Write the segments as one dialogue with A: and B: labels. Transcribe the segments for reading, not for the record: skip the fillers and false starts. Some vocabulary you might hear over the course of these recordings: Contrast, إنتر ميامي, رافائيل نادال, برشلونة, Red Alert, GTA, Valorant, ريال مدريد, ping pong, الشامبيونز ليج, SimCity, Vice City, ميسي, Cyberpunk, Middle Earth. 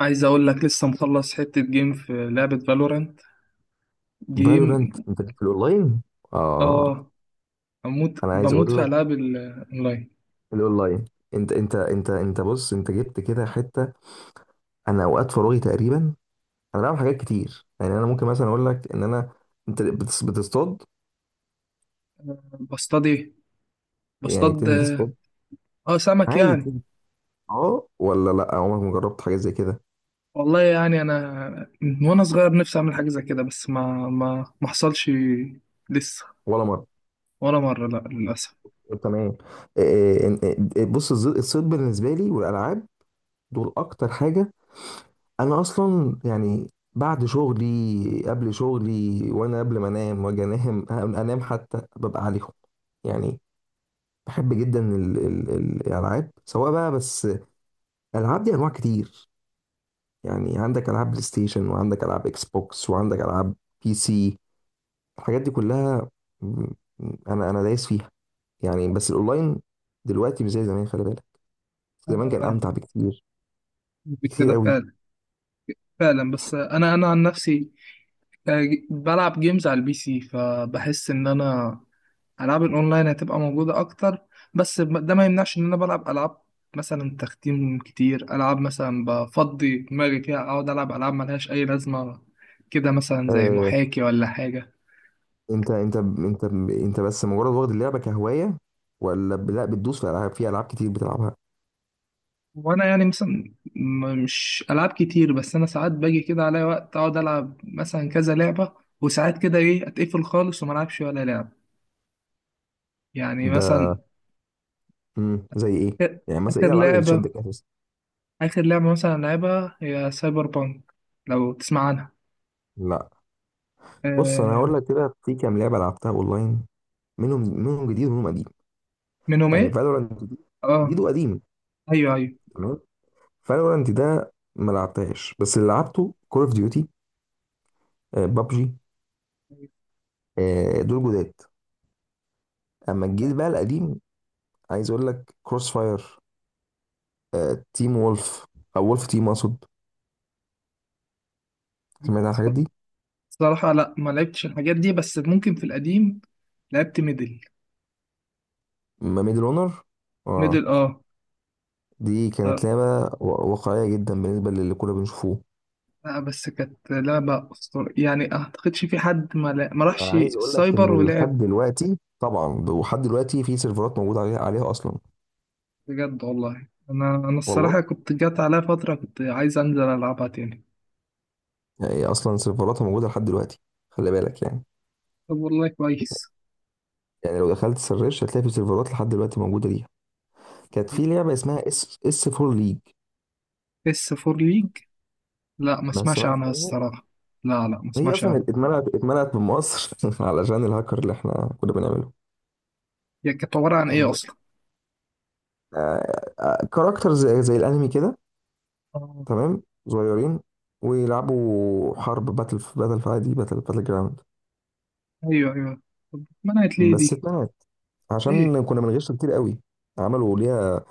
A: عايز اقول لك لسه مخلص حتة جيم في لعبة فالورانت، جيم.
B: فالورانت انت ليك في الاونلاين. اه.
A: اه. بموت
B: انا عايز
A: بموت
B: اقول
A: في
B: لك
A: العاب الاونلاين.
B: الاونلاين. انت بص، انت جبت كده حته. انا اوقات فراغي تقريبا انا بعمل حاجات كتير. يعني انا ممكن مثلا اقول لك ان انا، انت بتصطاد؟
A: بصطاد ايه؟
B: يعني
A: بصطاد.
B: بتنزل تصطاد
A: اه، سمك
B: عادي؟
A: يعني.
B: بتنزل اه ولا لا، عمرك ما جربت حاجه زي كده؟
A: والله يعني انا من وانا صغير نفسي اعمل حاجة زي كده بس ما حصلش. لسه.
B: ولا مره؟
A: ولا مرة، لا للاسف.
B: طب تمام. إيه- بص، الصيد بالنسبه لي والالعاب دول اكتر حاجه. انا اصلا يعني بعد شغلي، قبل شغلي، وانا قبل ما انام واجي انام انام حتى ببقى عليهم. يعني بحب جدا الالعاب، سواء بقى. بس الالعاب دي انواع كتير. يعني عندك العاب بلاي ستيشن، وعندك العاب اكس بوكس، وعندك العاب بي سي، الحاجات دي كلها. م- انا دايس فيها يعني. بس الاونلاين دلوقتي مش زي زمان، خلي بالك. زمان كان
A: انا
B: امتع بكتير، بكتير
A: كده
B: قوي.
A: فعلا. فعلا، بس انا عن نفسي، آه، بلعب جيمز على البي سي فبحس ان انا العاب الاونلاين هتبقى موجوده اكتر. بس ده ما يمنعش ان انا بلعب العاب مثلا تختيم كتير. العاب مثلا بفضي دماغي فيها، اقعد العب العاب ملهاش اي لازمه، كده مثلا زي محاكي ولا حاجه.
B: انت انت انت انت بس مجرد واخد اللعبه كهوايه، ولا لا بتدوس في العاب، في العاب كتير بتلعبها؟
A: وانا يعني مثلا مش العاب كتير، بس انا ساعات باجي كده عليا وقت اقعد العب مثلا كذا لعبه. وساعات كده ايه اتقفل خالص وما العبش ولا لعبه. يعني
B: ده.
A: مثلا
B: زي ايه؟
A: آخر
B: يعني مثلا ايه
A: آخر
B: الالعاب اللي
A: لعبه
B: بتشدك اساسا؟
A: اخر لعبه مثلا لعبها هي سايبر بانك. لو تسمع عنها.
B: لا، بص انا
A: آه،
B: هقول لك كده، في كام لعبه لعبتها اونلاين، منهم منهم جديد ومنهم قديم.
A: منهم
B: يعني
A: ايه؟
B: فالورانت جديد، جديد
A: اه،
B: وقديم.
A: ايوه ايوه.
B: تمام. فالورانت ده ما لعبتهاش، بس اللي لعبته كول اوف ديوتي، بابجي، دول جداد. اما الجيل بقى القديم، عايز اقول لك كروس فاير، تيم وولف، او وولف تيم اقصد.
A: أنا
B: سمعت عن الحاجات دي؟
A: الصراحه لا ما لعبتش الحاجات دي، بس ممكن في القديم لعبت ميدل.
B: ما ميدل اونر،
A: ميدل،
B: اه،
A: اه.
B: دي كانت
A: ف-
B: لعبه واقعيه جدا بالنسبه للي كنا بنشوفوه.
A: لا بس كانت لعبه اسطوريه، يعني اعتقدش في حد ما راحش
B: عايز اقول لك
A: السايبر
B: ان لحد
A: ولعب.
B: دلوقتي، طبعا ده لحد دلوقتي، في سيرفرات موجوده عليها اصلا.
A: بجد والله انا
B: والله
A: الصراحه كنت جات عليا فتره كنت عايز انزل العبها تاني.
B: يعني اصلا سيرفراتها موجوده لحد دلوقتي، خلي بالك. يعني
A: طب والله كويس.
B: يعني لو دخلت سرش هتلاقي في سيرفرات لحد دلوقتي موجوده ليها. كانت في لعبه اسمها اس اس 4 ليج.
A: اس فور ليج؟ لا ما
B: ما
A: اسمعش
B: سمعت
A: عنها
B: عنها؟
A: الصراحه. لا لا، ما
B: هي
A: اسمعش
B: اصلا
A: عنها.
B: اتمنعت من مصر علشان الهاكر اللي احنا كنا بنعمله.
A: هي كانت عباره عن ايه
B: يعني،
A: اصلا؟
B: كاركتر زي زي الانمي كده.
A: اه،
B: تمام، صغيرين، ويلعبوا حرب باتل باتل، في عادي باتل باتل جراوند.
A: ايوه ايوه. طب منعت ليه
B: بس
A: دي؟
B: اتمنعت
A: ايه؟
B: عشان كنا بنغش كتير قوي. عملوا ليها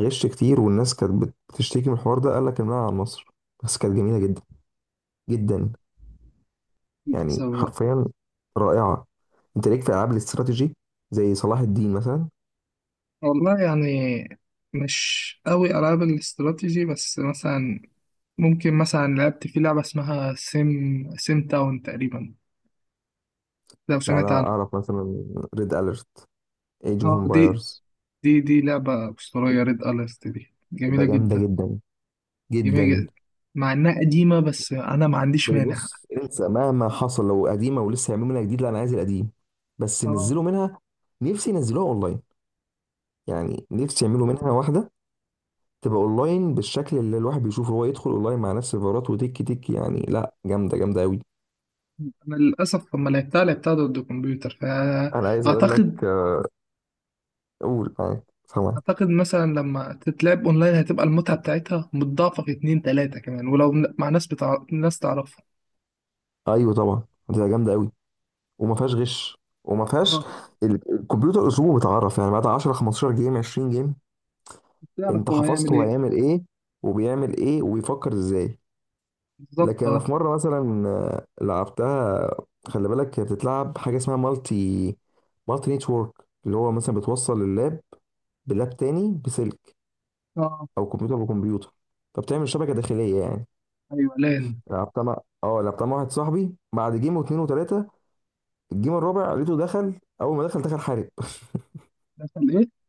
B: غش كتير، والناس كانت بتشتكي من الحوار ده، قال لك امنعها عن مصر. بس كانت جميله جدا، جدا، يعني
A: للاسف.
B: حرفيا رائعه. انت ليك في العاب الاستراتيجي زي صلاح الدين مثلا؟
A: والله يعني مش قوي ألعاب الاستراتيجي، بس مثلا ممكن مثلا لعبت في لعبة اسمها سيم تاون تقريبا. لو
B: لا، انا
A: سمعت عنها.
B: اعرف مثلا ريد اليرت، ايج اوف
A: اه دي.
B: امبايرز.
A: دي لعبة أسطورية، ريد أليرت دي
B: ده
A: جميلة
B: جامده
A: جدا.
B: جدا، جدا.
A: جميلة جدا، مع إنها قديمة بس أنا ما عنديش مانع.
B: بص انسى، مهما حصل لو قديمه ولسه هيعملوا منها جديد، لا انا عايز القديم بس
A: اه.
B: نزلوا منها. نفسي ينزلوها اونلاين. يعني نفسي يعملوا منها واحده تبقى اونلاين بالشكل اللي الواحد بيشوفه، هو يدخل اونلاين مع نفس السيرفرات وتك تك. يعني لا جامده، جامده قوي.
A: أنا للأسف لما لعبتها ضد الكمبيوتر
B: انا عايز اقول لك
A: فأعتقد.
B: قول معاك، سامعك.
A: أعتقد مثلا لما تتلعب أونلاين هتبقى المتعة بتاعتها متضاعفة في اتنين تلاتة كمان، ولو مع ناس ناس تعرفها.
B: ايوه طبعا، هتبقى جامده قوي، وما فيهاش غش، وما فيهاش.
A: اه.
B: الكمبيوتر اسلوبه بيتعرف، يعني بعد 10 15 جيم 20 جيم انت
A: تعرف هو
B: حفظت
A: هيعمل
B: هو
A: ايه.
B: هيعمل ايه، وبيعمل ايه، وبيفكر ازاي.
A: بالظبط
B: لكن انا
A: اه.
B: في مره مثلا لعبتها. خلي بالك، هي بتتلعب حاجه اسمها مالتي، مالتي نتورك، اللي هو مثلا بتوصل اللاب بلاب تاني بسلك،
A: اه،
B: او كمبيوتر بكمبيوتر، فبتعمل شبكه داخليه يعني.
A: ايوه لان.
B: لعبتها مع، اه لعبتها مع واحد صاحبي، بعد جيم واثنين وثلاثه، الجيم الرابع لقيته دخل، اول ما دخل دخل حارب.
A: عشان ايه؟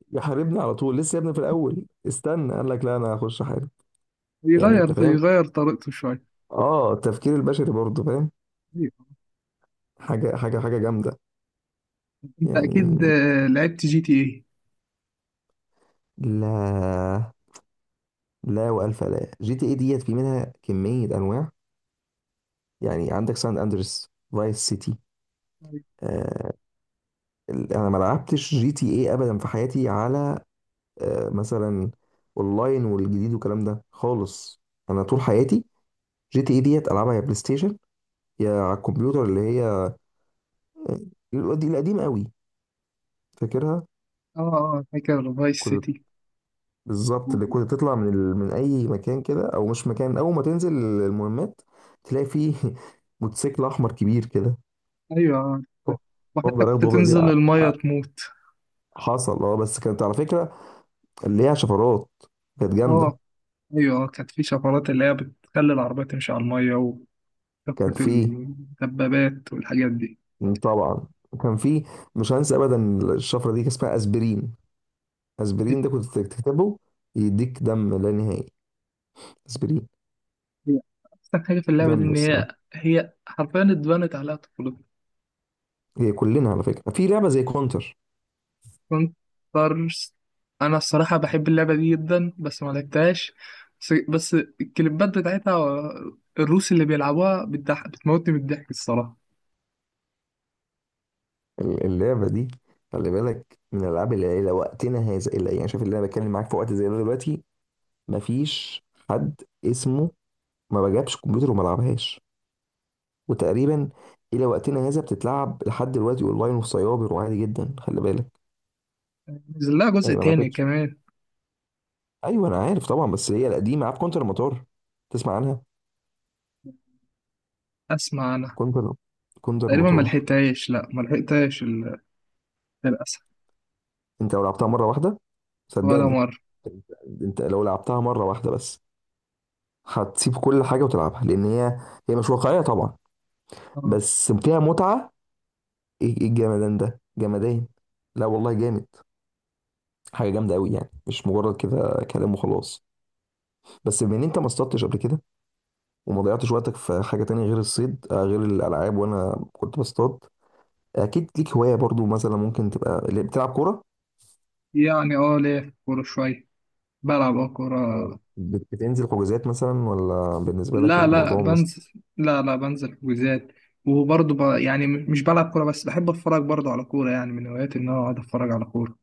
B: يحاربني على طول لسه، يا ابني في الاول استنى، قال لك لا انا هخش حارب. يعني انت
A: يغير
B: فاهم؟
A: يغير طريقته شويه.
B: اه التفكير البشري برضه فاهم.
A: أيوة.
B: حاجه حاجه حاجه جامده
A: انت اكيد
B: يعني.
A: لعبت جي تي ايه؟
B: لا، لا والف لا جي تي اي ديت في منها كميه انواع. يعني عندك سان اندرس، فايس سيتي.
A: أيوة.
B: آه، انا ما لعبتش جي تي اي ابدا في حياتي على، آه مثلا، اونلاين والجديد والكلام ده خالص. انا طول حياتي جي تي اي ديت العبها يا بلاي ستيشن، يا على الكمبيوتر، اللي هي القديم قوي. فاكرها؟
A: اه اه، فاكر فايس
B: كنت،
A: سيتي.
B: بالظبط
A: و-
B: اللي كنت
A: و-
B: تطلع من من اي مكان كده، او مش مكان، اول ما تنزل المهمات تلاقي فيه موتوسيكل احمر كبير كده.
A: ايوه، ده. وحتى
B: وافضل
A: كنت
B: اخده وافضل
A: تنزل
B: أبيع.
A: الميه تموت.
B: حصل، اه. بس كانت على فكره ليها شفرات، كانت جامده.
A: اه ايوه، كانت في شفرات اللي هي بتخلي العربية تمشي على الميه وكثرة
B: كان في،
A: الدبابات والحاجات دي.
B: طبعا كان في، مش هنسى ابدا، الشفره دي كان اسمها اسبرين.
A: دي-
B: اسبرين ده كنت تكتبه يديك دم لا نهائي. اسبرين،
A: هي احسن حاجه في اللعبه دي
B: جامده
A: ان
B: الصراحه.
A: هي حرفيا اتبنت عليها طفولتنا.
B: هي كلنا على فكره في لعبه زي كونتر.
A: كونترست. انا الصراحه بحب اللعبه دي جدا بس ما لعبتهاش. بس الكليبات بتاعتها، الروس اللي بيلعبوها بتضحك بتموتني من الضحك الصراحه.
B: اللعبه دي خلي بالك من العاب العيله، وقتنا هذا، الا يعني، شايف اللي انا بتكلم معاك في وقت زي ده دلوقتي، مفيش حد اسمه ما بجابش كمبيوتر وما لعبهاش. وتقريبا الى وقتنا هذا بتتلعب لحد دلوقتي اونلاين وفي سايبر وعادي جدا، خلي بالك.
A: نزل لها جزء
B: يعني ما
A: تاني
B: ماتتش.
A: كمان.
B: ايوه انا عارف طبعا، بس هي القديمه، عارف كونتر المطار؟ تسمع عنها؟
A: اسمع انا.
B: كونتر، كونتر
A: تقريبا ما
B: المطار.
A: لحقتهاش. لا ما لحقتهاش للاسف.
B: انت لو لعبتها مره واحده
A: ولا
B: صدقني،
A: مره.
B: انت لو لعبتها مره واحده بس، هتسيب كل حاجه وتلعبها. لان هي، هي مش واقعيه طبعا،
A: آه.
B: بس فيها متعه. ايه إيه الجمدان ده، جمدان. لا والله جامد. حاجه جامده قوي يعني، مش مجرد كده كلام وخلاص. بس بما ان انت ما اصطدتش قبل كده، وما ضيعتش وقتك في حاجة تانية غير الصيد، غير الألعاب وأنا كنت بصطاد، أكيد ليك هواية برضو. مثلا ممكن تبقى اللي بتلعب كورة،
A: يعني اه، ليه في كوره شويه. بلعب اه كوره.
B: بتنزل حجوزات مثلا، ولا بالنسبة لك
A: لا لا،
B: الموضوع
A: بنزل. لا لا، بنزل حجوزات. وبرضه يعني مش بلعب كوره بس بحب اتفرج برضه على كوره، يعني من هواياتي ان انا اقعد اتفرج على كوره.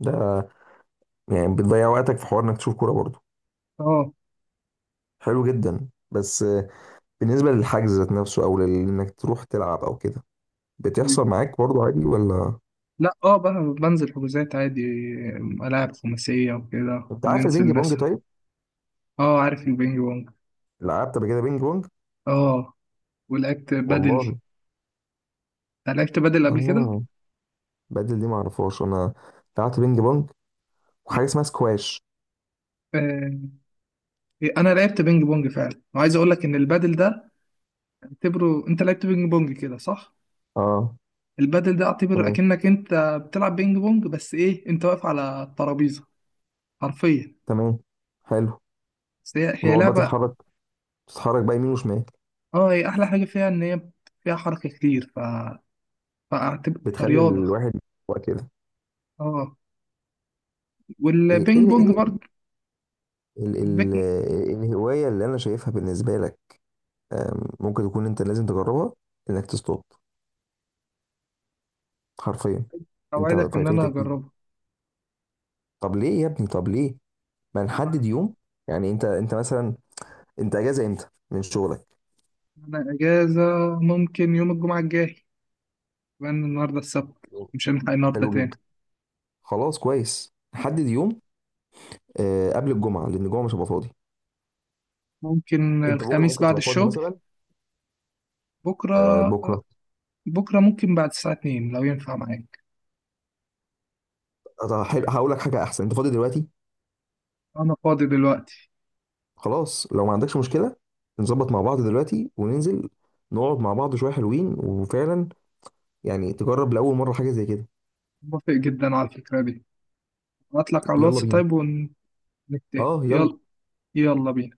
B: ده، يعني بتضيع وقتك في حوار إنك تشوف كورة برضو.
A: اه.
B: حلو جدا. بس بالنسبة للحجز ذات نفسه، أو إنك تروح تلعب أو كده،
A: مم.
B: بتحصل معاك برضو عادي ولا؟
A: لا، اه بقى. بنزل حجوزات عادي. ألعاب خماسية وكده،
B: أنت عارف البينج
A: ننزل
B: بونج
A: ناسها.
B: طيب؟
A: اه عارف البينج بونج.
B: لعبت قبل كده بينج بونج؟
A: اه، ولعبت بدل.
B: والله
A: أنا لعبت بدل قبل كده.
B: آه. بدل دي معرفهاش أنا، لعبت بينج بونج وحاجة اسمها سكواش.
A: آه، إيه، انا لعبت بينج بونج فعلا، وعايز اقول لك ان البادل ده اعتبره، انت لعبت بينج بونج كده صح؟
B: اه
A: البادل ده اعتبر
B: كنا.
A: اكنك انت بتلعب بينج بونج بس ايه، انت واقف على الترابيزه حرفيا.
B: تمام، حلو.
A: بس هي
B: وتقعد بقى
A: لعبه.
B: تتحرك، تتحرك بقى يمين وشمال،
A: اه هي احلى حاجه فيها ان هي فيها حركه كتير، فاعتبر
B: بتخلي
A: فرياضه.
B: الواحد يبقى كده.
A: اه،
B: ايه ايه
A: والبينج بونج
B: إيه،
A: برضه.
B: ال- ال-
A: البينج
B: ال- إيه الهوايه اللي انا شايفها بالنسبه لك، ممكن تكون انت لازم تجربها، انك تصطاد حرفيا. انت
A: اوعدك ان انا
B: فايتك كتير.
A: هجربها.
B: طب ليه يا ابني، طب ليه ما نحدد يوم؟ يعني انت، انت مثلا، انت اجازه امتى من شغلك؟
A: انا اجازه ممكن يوم الجمعه الجاي، لان النهارده السبت.
B: يوم.
A: مش هنلحق النهارده
B: حلو جدا،
A: تاني.
B: خلاص كويس نحدد يوم. قبل الجمعه، لان الجمعه مش هبقى فاضي.
A: ممكن
B: انت بكره
A: الخميس
B: ممكن
A: بعد
B: تبقى فاضي
A: الشغل.
B: مثلا؟
A: بكره
B: بكره؟
A: بكره ممكن بعد الساعه 2 لو ينفع معاك.
B: طب حلو، هقول لك حاجة أحسن، أنت فاضي دلوقتي؟
A: انا فاضي دلوقتي.
B: خلاص لو ما عندكش مشكلة نظبط مع بعض دلوقتي وننزل، نقعد مع بعض شوية حلوين، وفعلا يعني تجرب لأول مرة حاجة زي كده.
A: موافق جدا على الفكره دي. هبعتلك على
B: يلا
A: الواتس
B: بينا.
A: طيب ونتفق.
B: أه يلا.
A: يلا. يلا بينا.